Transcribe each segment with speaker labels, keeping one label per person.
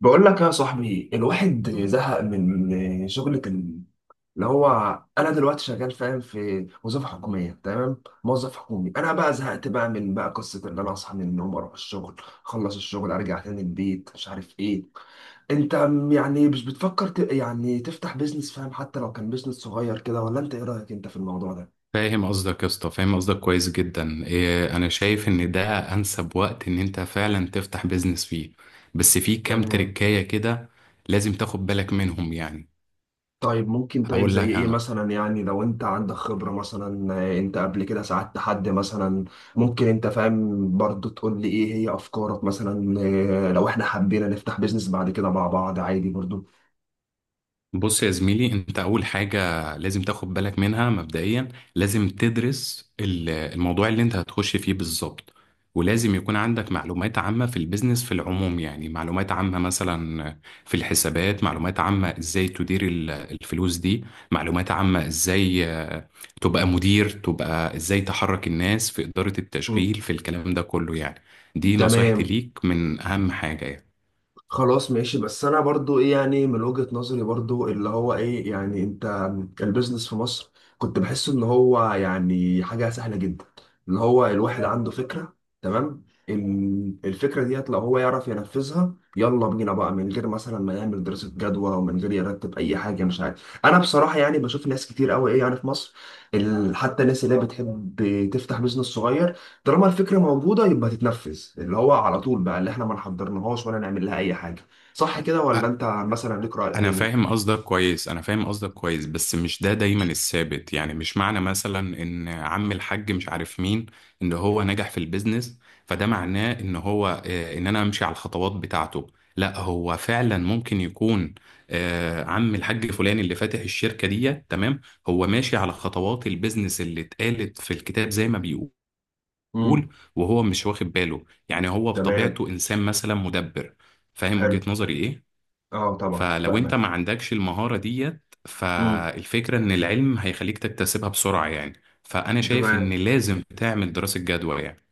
Speaker 1: بقول لك يا صاحبي، الواحد زهق من شغلة ال- اللي هو انا دلوقتي شغال، فاهم، في وظيفة حكومية، تمام، موظف حكومي. انا بقى زهقت بقى من بقى قصة ان انا اصحى من النوم اروح الشغل، اخلص الشغل ارجع تاني البيت، مش عارف ايه. انت يعني مش بتفكر ت... يعني تفتح بيزنس، فاهم، حتى لو كان بيزنس صغير كده، ولا انت ايه رأيك انت في الموضوع ده؟
Speaker 2: فاهم قصدك يا اسطى، فاهم قصدك كويس جدا. إيه، انا شايف ان ده انسب وقت ان انت فعلا تفتح بيزنس فيه. بس في كام
Speaker 1: تمام.
Speaker 2: تريكاية كده لازم تاخد بالك منهم يعني.
Speaker 1: طيب، ممكن، طيب
Speaker 2: هقول
Speaker 1: زي
Speaker 2: لك
Speaker 1: ايه
Speaker 2: انا.
Speaker 1: مثلا؟ يعني لو انت عندك خبرة مثلا، انت قبل كده ساعدت حد مثلا؟ ممكن انت، فاهم، برضو تقول لي ايه هي افكارك مثلا؟ لو احنا حبينا نفتح بيزنس بعد كده مع بعض، عادي برضو.
Speaker 2: بص يا زميلي، انت اول حاجة لازم تاخد بالك منها مبدئيا. لازم تدرس الموضوع اللي انت هتخش فيه بالظبط. ولازم يكون عندك معلومات عامة في البيزنس في العموم، يعني معلومات عامة مثلا في الحسابات، معلومات عامة ازاي تدير الفلوس دي، معلومات عامة ازاي تبقى مدير، تبقى ازاي تحرك الناس في إدارة
Speaker 1: مم.
Speaker 2: التشغيل في الكلام ده كله يعني. دي نصيحتي
Speaker 1: تمام.
Speaker 2: ليك، من اهم حاجة يعني.
Speaker 1: خلاص ماشي. بس انا برضو ايه يعني، من وجهة نظري برضو اللي هو ايه يعني، انت البيزنس في مصر كنت بحس ان هو يعني حاجة سهلة جدا، اللي هو الواحد عنده فكرة، تمام، الفكرة ديت لو هو يعرف ينفذها يلا بينا بقى، من غير مثلا ما يعمل دراسة جدوى، ومن غير يرتب اي حاجة. مش عارف، انا بصراحة يعني بشوف ناس كتير قوي، ايه يعني، في مصر، حتى الناس اللي هي بتحب تفتح بيزنس صغير، طالما الفكره موجوده يبقى تتنفذ، اللي هو على طول بقى، اللي احنا ما نحضرناهاش ولا نعمل لها اي حاجه. صح كده، ولا انت مثلا ليك راي
Speaker 2: انا
Speaker 1: تاني؟
Speaker 2: فاهم قصدك كويس، انا فاهم قصدك كويس، بس مش ده دايما الثابت. يعني مش معنى مثلا ان عم الحاج مش عارف مين ان هو نجح في البيزنس، فده معناه ان هو ان انا امشي على الخطوات بتاعته. لا، هو فعلا ممكن يكون عم الحاج فلان اللي فاتح الشركة دي تمام، هو ماشي على خطوات البيزنس اللي اتقالت في الكتاب زي ما بيقول،
Speaker 1: امم.
Speaker 2: وهو مش واخد باله. يعني هو
Speaker 1: تمام.
Speaker 2: بطبيعته انسان مثلا مدبر. فاهم
Speaker 1: حلو.
Speaker 2: وجهة نظري ايه؟
Speaker 1: اه طبعا،
Speaker 2: فلو انت ما
Speaker 1: فاهمك.
Speaker 2: عندكش المهارة ديت،
Speaker 1: امم.
Speaker 2: فالفكرة ان العلم هيخليك تكتسبها بسرعة يعني. فانا شايف ان
Speaker 1: تمام.
Speaker 2: لازم تعمل دراسة جدوى يعني.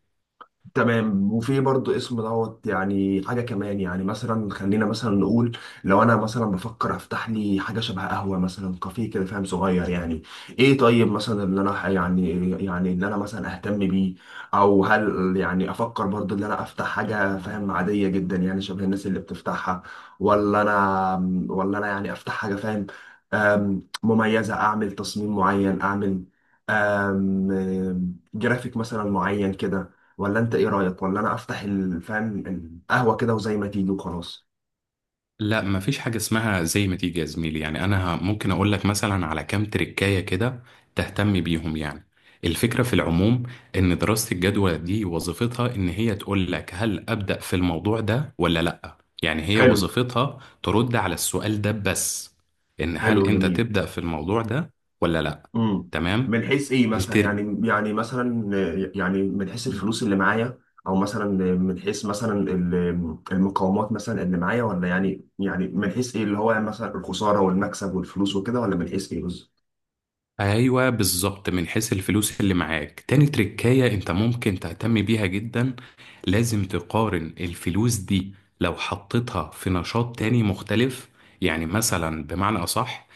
Speaker 1: تمام، وفي برضو اسم دوت، يعني حاجة كمان. يعني مثلا خلينا مثلا نقول، لو أنا مثلا بفكر أفتح لي حاجة شبه قهوة مثلا، كافيه كده، فاهم، صغير يعني. إيه طيب مثلا اللي أنا يعني، يعني اللي أنا مثلا أهتم بيه، أو هل يعني أفكر برضو اللي أنا أفتح حاجة، فاهم، عادية جدا يعني شبه الناس اللي بتفتحها، ولا أنا يعني أفتح حاجة، فاهم، مميزة، أعمل تصميم معين، أعمل جرافيك مثلا معين كده، ولا انت ايه رأيك؟ ولا انا افتح فاهم، القهوة كده، وزي ما تيجي وخلاص.
Speaker 2: لا، مفيش حاجة اسمها زي ما تيجي يا زميلي. يعني انا ممكن اقول لك مثلا على كام تريكاية كده تهتم بيهم يعني. الفكرة في العموم ان دراسة الجدوى دي وظيفتها ان هي تقول لك هل ابدأ في الموضوع ده ولا لا. يعني هي
Speaker 1: حلو.
Speaker 2: وظيفتها ترد على السؤال ده بس، ان
Speaker 1: حلو
Speaker 2: هل انت
Speaker 1: جميل.
Speaker 2: تبدأ في الموضوع ده ولا لا.
Speaker 1: امم.
Speaker 2: تمام.
Speaker 1: من حيث ايه مثلا
Speaker 2: التر...
Speaker 1: يعني مثلا، يعني من حيث الفلوس اللي معايا، او مثلا من حيث مثلا المقاومات مثلا اللي معايا، ولا يعني من حيث ايه اللي هو يعني مثلا الخسارة والمكسب والفلوس وكده، ولا من حيث ايه بالظبط؟
Speaker 2: ايوه بالظبط، من حيث الفلوس اللي معاك، تاني تركاية انت ممكن تهتم بيها جدا. لازم تقارن الفلوس دي لو حطيتها في نشاط تاني مختلف. يعني مثلا بمعنى اصح،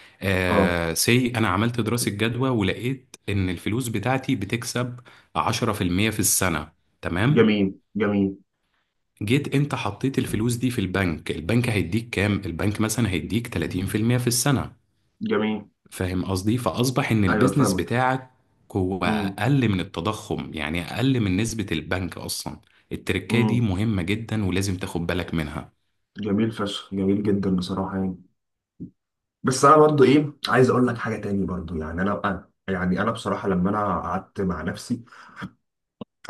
Speaker 1: اه.
Speaker 2: سي انا عملت دراسة جدوى ولقيت ان الفلوس بتاعتي بتكسب 10% في المية في السنة، تمام.
Speaker 1: جميل جميل.
Speaker 2: جيت انت حطيت الفلوس دي في البنك، البنك هيديك كام؟ البنك مثلا هيديك 30% في المية في السنة.
Speaker 1: جميل.
Speaker 2: فاهم قصدي؟ فأصبح إن
Speaker 1: ايوه
Speaker 2: البيزنس
Speaker 1: فاهمك.
Speaker 2: بتاعك هو
Speaker 1: امم.
Speaker 2: أقل من التضخم، يعني أقل من نسبة البنك أصلا. التركية دي
Speaker 1: امم.
Speaker 2: مهمة جدا، ولازم تاخد بالك منها.
Speaker 1: جميل فشخ، جميل جدا بصراحة يعني. بس انا برضو ايه عايز اقول لك حاجه تاني برضو، يعني يعني انا بصراحه لما انا قعدت مع نفسي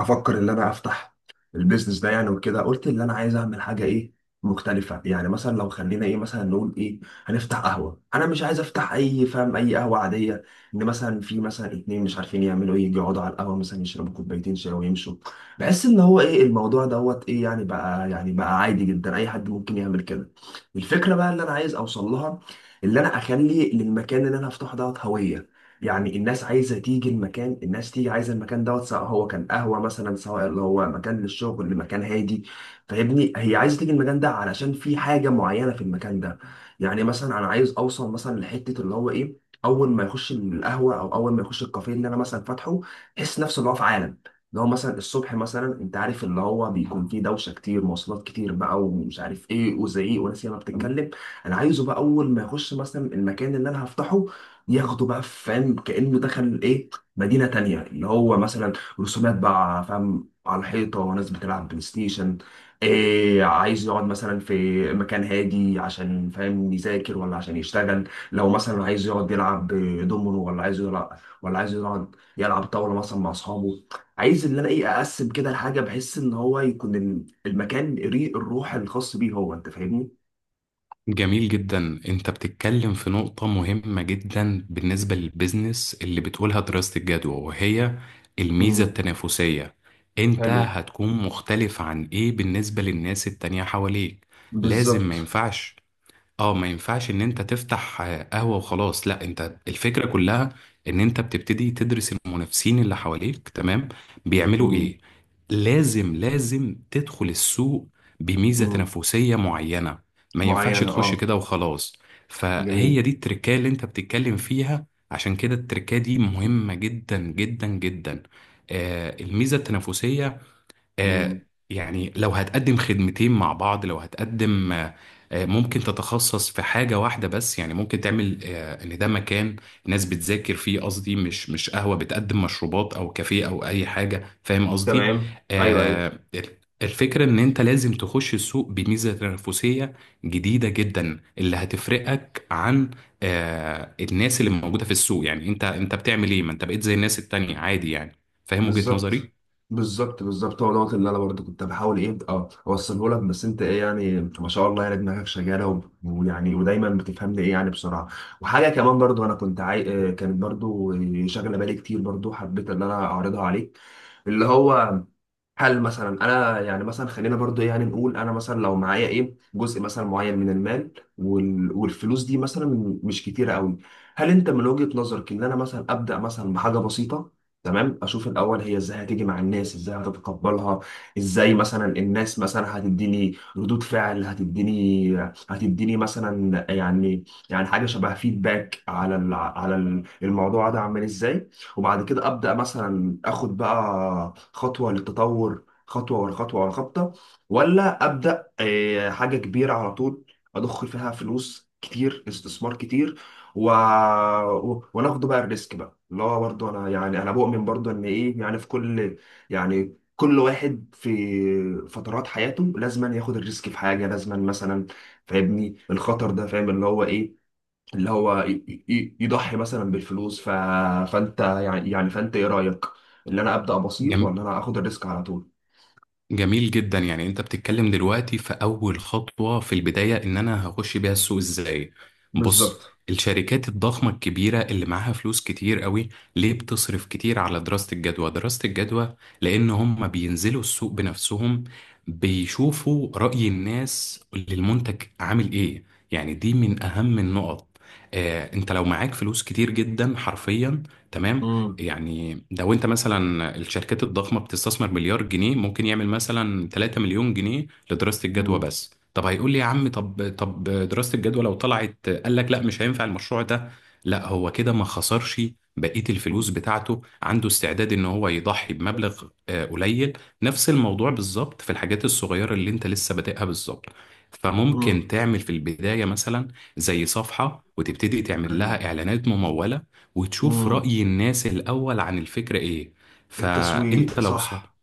Speaker 1: افكر ان انا افتح البيزنس ده يعني وكده، قلت ان انا عايز اعمل حاجه ايه، مختلفه. يعني مثلا لو خلينا ايه مثلا نقول ايه، هنفتح قهوه، انا مش عايز افتح اي، فاهم، اي قهوه عاديه، ان مثلا في مثلا اتنين مش عارفين يعملوا ايه، يجوا يقعدوا على القهوه مثلا يشربوا كوبايتين شاي ويمشوا. بحس ان هو ايه الموضوع دوت، ايه يعني بقى، يعني بقى عادي جدا، اي حد ممكن يعمل كده. الفكره بقى اللي انا عايز اوصل لها، اللي انا اخلي للمكان اللي انا هفتحه دوت هويه، يعني الناس عايزه تيجي المكان، الناس تيجي عايزه المكان دوت، سواء هو كان قهوه مثلا، سواء اللي هو مكان للشغل، مكان هادي. فاهمني، هي عايزه تيجي المكان ده علشان في حاجه معينه في المكان ده. يعني مثلا انا عايز اوصل مثلا لحته اللي هو ايه، اول ما يخش القهوه او اول ما يخش الكافيه اللي انا مثلا فاتحه، يحس نفسه اللي هو في عالم، اللي هو مثلا الصبح مثلا انت عارف اللي هو بيكون فيه دوشه كتير، مواصلات كتير بقى، ومش عارف ايه، وزعيق وناس ياما بتتكلم. انا عايزه بقى اول ما يخش مثلا المكان اللي انا هفتحه ياخده بقى، فاهم، كأنه دخل ايه، مدينة تانية، اللي هو مثلا رسومات بقى، فاهم، على الحيطة، وناس بتلعب بلاي ستيشن، إيه، عايز يقعد مثلا في مكان هادي عشان، فاهم، يذاكر، ولا عشان يشتغل، لو مثلا عايز يقعد يلعب دومينو، ولا عايز يلعب، ولا عايز يقعد يلعب طاولة مثلا مع أصحابه. عايز اللي أنا إيه، أقسم كده الحاجة، بحس إن هو يكون المكان ريق الروح الخاص بيه هو، أنت فاهمني؟
Speaker 2: جميل جدا، انت بتتكلم في نقطة مهمة جدا بالنسبة للبيزنس اللي بتقولها دراسة الجدوى، وهي الميزة
Speaker 1: امم.
Speaker 2: التنافسية. انت
Speaker 1: حلو.
Speaker 2: هتكون مختلف عن ايه بالنسبة للناس التانية حواليك؟ لازم
Speaker 1: بالظبط.
Speaker 2: ما ينفعش اه ما ينفعش ان انت تفتح قهوة وخلاص. لا، انت الفكرة كلها ان انت بتبتدي تدرس المنافسين اللي حواليك، تمام، بيعملوا
Speaker 1: امم.
Speaker 2: ايه. لازم تدخل السوق بميزة تنافسية معينة، ما ينفعش
Speaker 1: معينة،
Speaker 2: تخش
Speaker 1: اه.
Speaker 2: كده وخلاص.
Speaker 1: جميل.
Speaker 2: فهي دي التركية اللي انت بتتكلم فيها. عشان كده التركية دي مهمة جدا جدا جدا. الميزة التنافسية.
Speaker 1: مم.
Speaker 2: آه، يعني لو هتقدم خدمتين مع بعض، لو هتقدم آه، آه، ممكن تتخصص في حاجة واحدة بس. يعني ممكن تعمل ان ده مكان ناس بتذاكر فيه، قصدي مش قهوة بتقدم مشروبات او كافيه او اي حاجة، فاهم قصدي.
Speaker 1: تمام. ايوه ايوه.
Speaker 2: آه، الفكرة ان انت لازم تخش السوق بميزة تنافسية جديدة جدا، اللي هتفرقك عن الناس اللي موجودة في السوق. يعني انت بتعمل ايه؟ ما انت بقيت زي الناس التانية عادي يعني. فاهم وجهة
Speaker 1: بالظبط،
Speaker 2: نظري؟
Speaker 1: بالظبط، بالظبط هو دوت اللي انا برضه كنت بحاول ايه اه اوصله لك، بس انت ايه يعني، ما شاء الله، يعني دماغك شغاله، ويعني ودايما بتفهمني، ايه يعني، بسرعه. وحاجه كمان برضه انا كنت عاي... آه، كانت برضه شاغله بالي كتير برضه، حبيت ان انا اعرضها عليك، اللي هو هل مثلا انا يعني مثلا خلينا برضو إيه يعني نقول، انا مثلا لو معايا ايه جزء مثلا معين من المال، والفلوس دي مثلا مش كتيره قوي، هل انت من وجهة نظرك ان انا مثلا ابدا مثلا بحاجه بسيطه، تمام، اشوف الاول هي ازاي هتيجي مع الناس، ازاي هتتقبلها، ازاي مثلا الناس مثلا هتديني ردود فعل، هتديني، هتديني مثلا يعني، يعني حاجه شبه فيدباك، على الموضوع ده عامل ازاي. وبعد كده ابدا مثلا اخد بقى خطوه للتطور، خطوه ورا خطوه ورا خطوه، ولا ابدا حاجه كبيره على طول، اضخ فيها فلوس كتير، استثمار كتير، و... وناخده بقى الريسك بقى، اللي هو برضه انا يعني انا بؤمن برضه ان ايه يعني، في كل، يعني كل واحد في فترات حياته لازما ياخد الريسك في حاجه، لازما مثلا، فاهمني، الخطر ده، فاهم، اللي هو ايه، اللي هو يضحي مثلا بالفلوس، فانت يعني، فانت ايه رأيك، اللي انا ابدأ بسيط، ولا انا اخد الريسك على طول؟
Speaker 2: جميل جدا، يعني انت بتتكلم دلوقتي في اول خطوة، في البداية ان انا هخش بيها السوق ازاي. بص،
Speaker 1: بالظبط.
Speaker 2: الشركات الضخمة الكبيرة اللي معاها فلوس كتير قوي ليه بتصرف كتير على دراسة الجدوى؟ دراسة الجدوى لان هم بينزلوا السوق بنفسهم، بيشوفوا رأي الناس للمنتج عامل ايه. يعني دي من اهم النقط. انت لو معاك فلوس كتير جدا حرفيا، تمام.
Speaker 1: مم.
Speaker 2: يعني لو انت مثلا الشركات الضخمة بتستثمر مليار جنيه، ممكن يعمل مثلا 3 مليون جنيه لدراسة الجدوى
Speaker 1: مم.
Speaker 2: بس. طب هيقول لي يا عم، طب دراسة الجدوى لو طلعت قال لك لا مش هينفع المشروع ده، لا هو كده ما خسرش بقية الفلوس بتاعته. عنده استعداد ان هو يضحي بمبلغ قليل. نفس الموضوع بالظبط في الحاجات الصغيرة اللي انت لسه بادئها بالظبط. فممكن
Speaker 1: مم.
Speaker 2: تعمل في البداية مثلا زي صفحة، وتبتدي تعمل لها إعلانات ممولة، وتشوف
Speaker 1: مم.
Speaker 2: رأي الناس الأول عن الفكرة إيه.
Speaker 1: التسويق،
Speaker 2: فأنت لو ص...
Speaker 1: صح.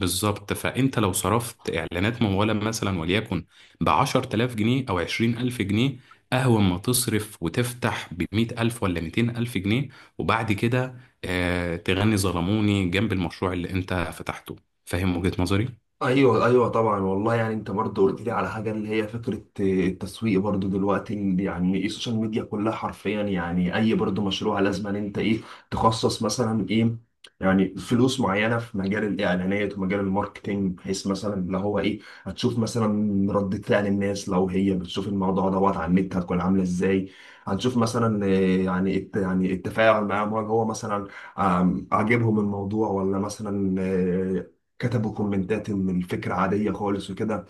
Speaker 2: بالظبط، فأنت لو صرفت إعلانات ممولة مثلا وليكن بعشر تلاف جنيه أو عشرين ألف جنيه، أهون ما تصرف وتفتح بمئة ألف ولا ميتين ألف جنيه، وبعد كده تغني ظلموني جنب المشروع اللي أنت فتحته. فاهم وجهة نظري؟
Speaker 1: ايوه ايوه طبعا، والله يعني انت برضه قلت لي على حاجه اللي هي فكره التسويق برضه دلوقتي، اللي يعني السوشيال ميديا كلها حرفيا، يعني اي برضه مشروع لازم ان انت ايه، تخصص مثلا ايه، يعني فلوس معينه في مجال الاعلانات ومجال الماركتينج، بحيث مثلا اللي هو ايه، هتشوف مثلا ردة فعل الناس لو هي بتشوف الموضوع دوت على النت هتكون عامله ازاي. هنشوف مثلا إيه، يعني يعني التفاعل معاهم، هل هو مثلا عاجبهم الموضوع، ولا مثلا كتبوا كومنتات ان الفكره عاديه خالص وكده.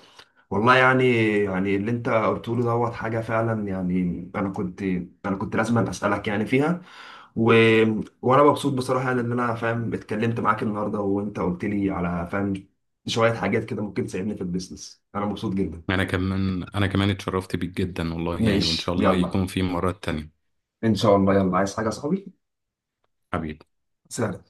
Speaker 1: والله يعني، يعني اللي انت قلته له دوت حاجه فعلا، يعني انا كنت لازم اسالك يعني فيها، و... وانا مبسوط بصراحه، يعني ان انا، فاهم، اتكلمت معاك النهارده، وانت قلت لي على، فاهم، شويه حاجات كده ممكن تساعدني في البيزنس. انا مبسوط جدا.
Speaker 2: أنا كمان اتشرفت بيك جدا والله، يعني وإن
Speaker 1: ماشي،
Speaker 2: شاء الله
Speaker 1: يلا.
Speaker 2: يكون في مرات تانية.
Speaker 1: ان شاء الله. يلا، عايز حاجه يا صاحبي؟
Speaker 2: حبيبي.
Speaker 1: سلام.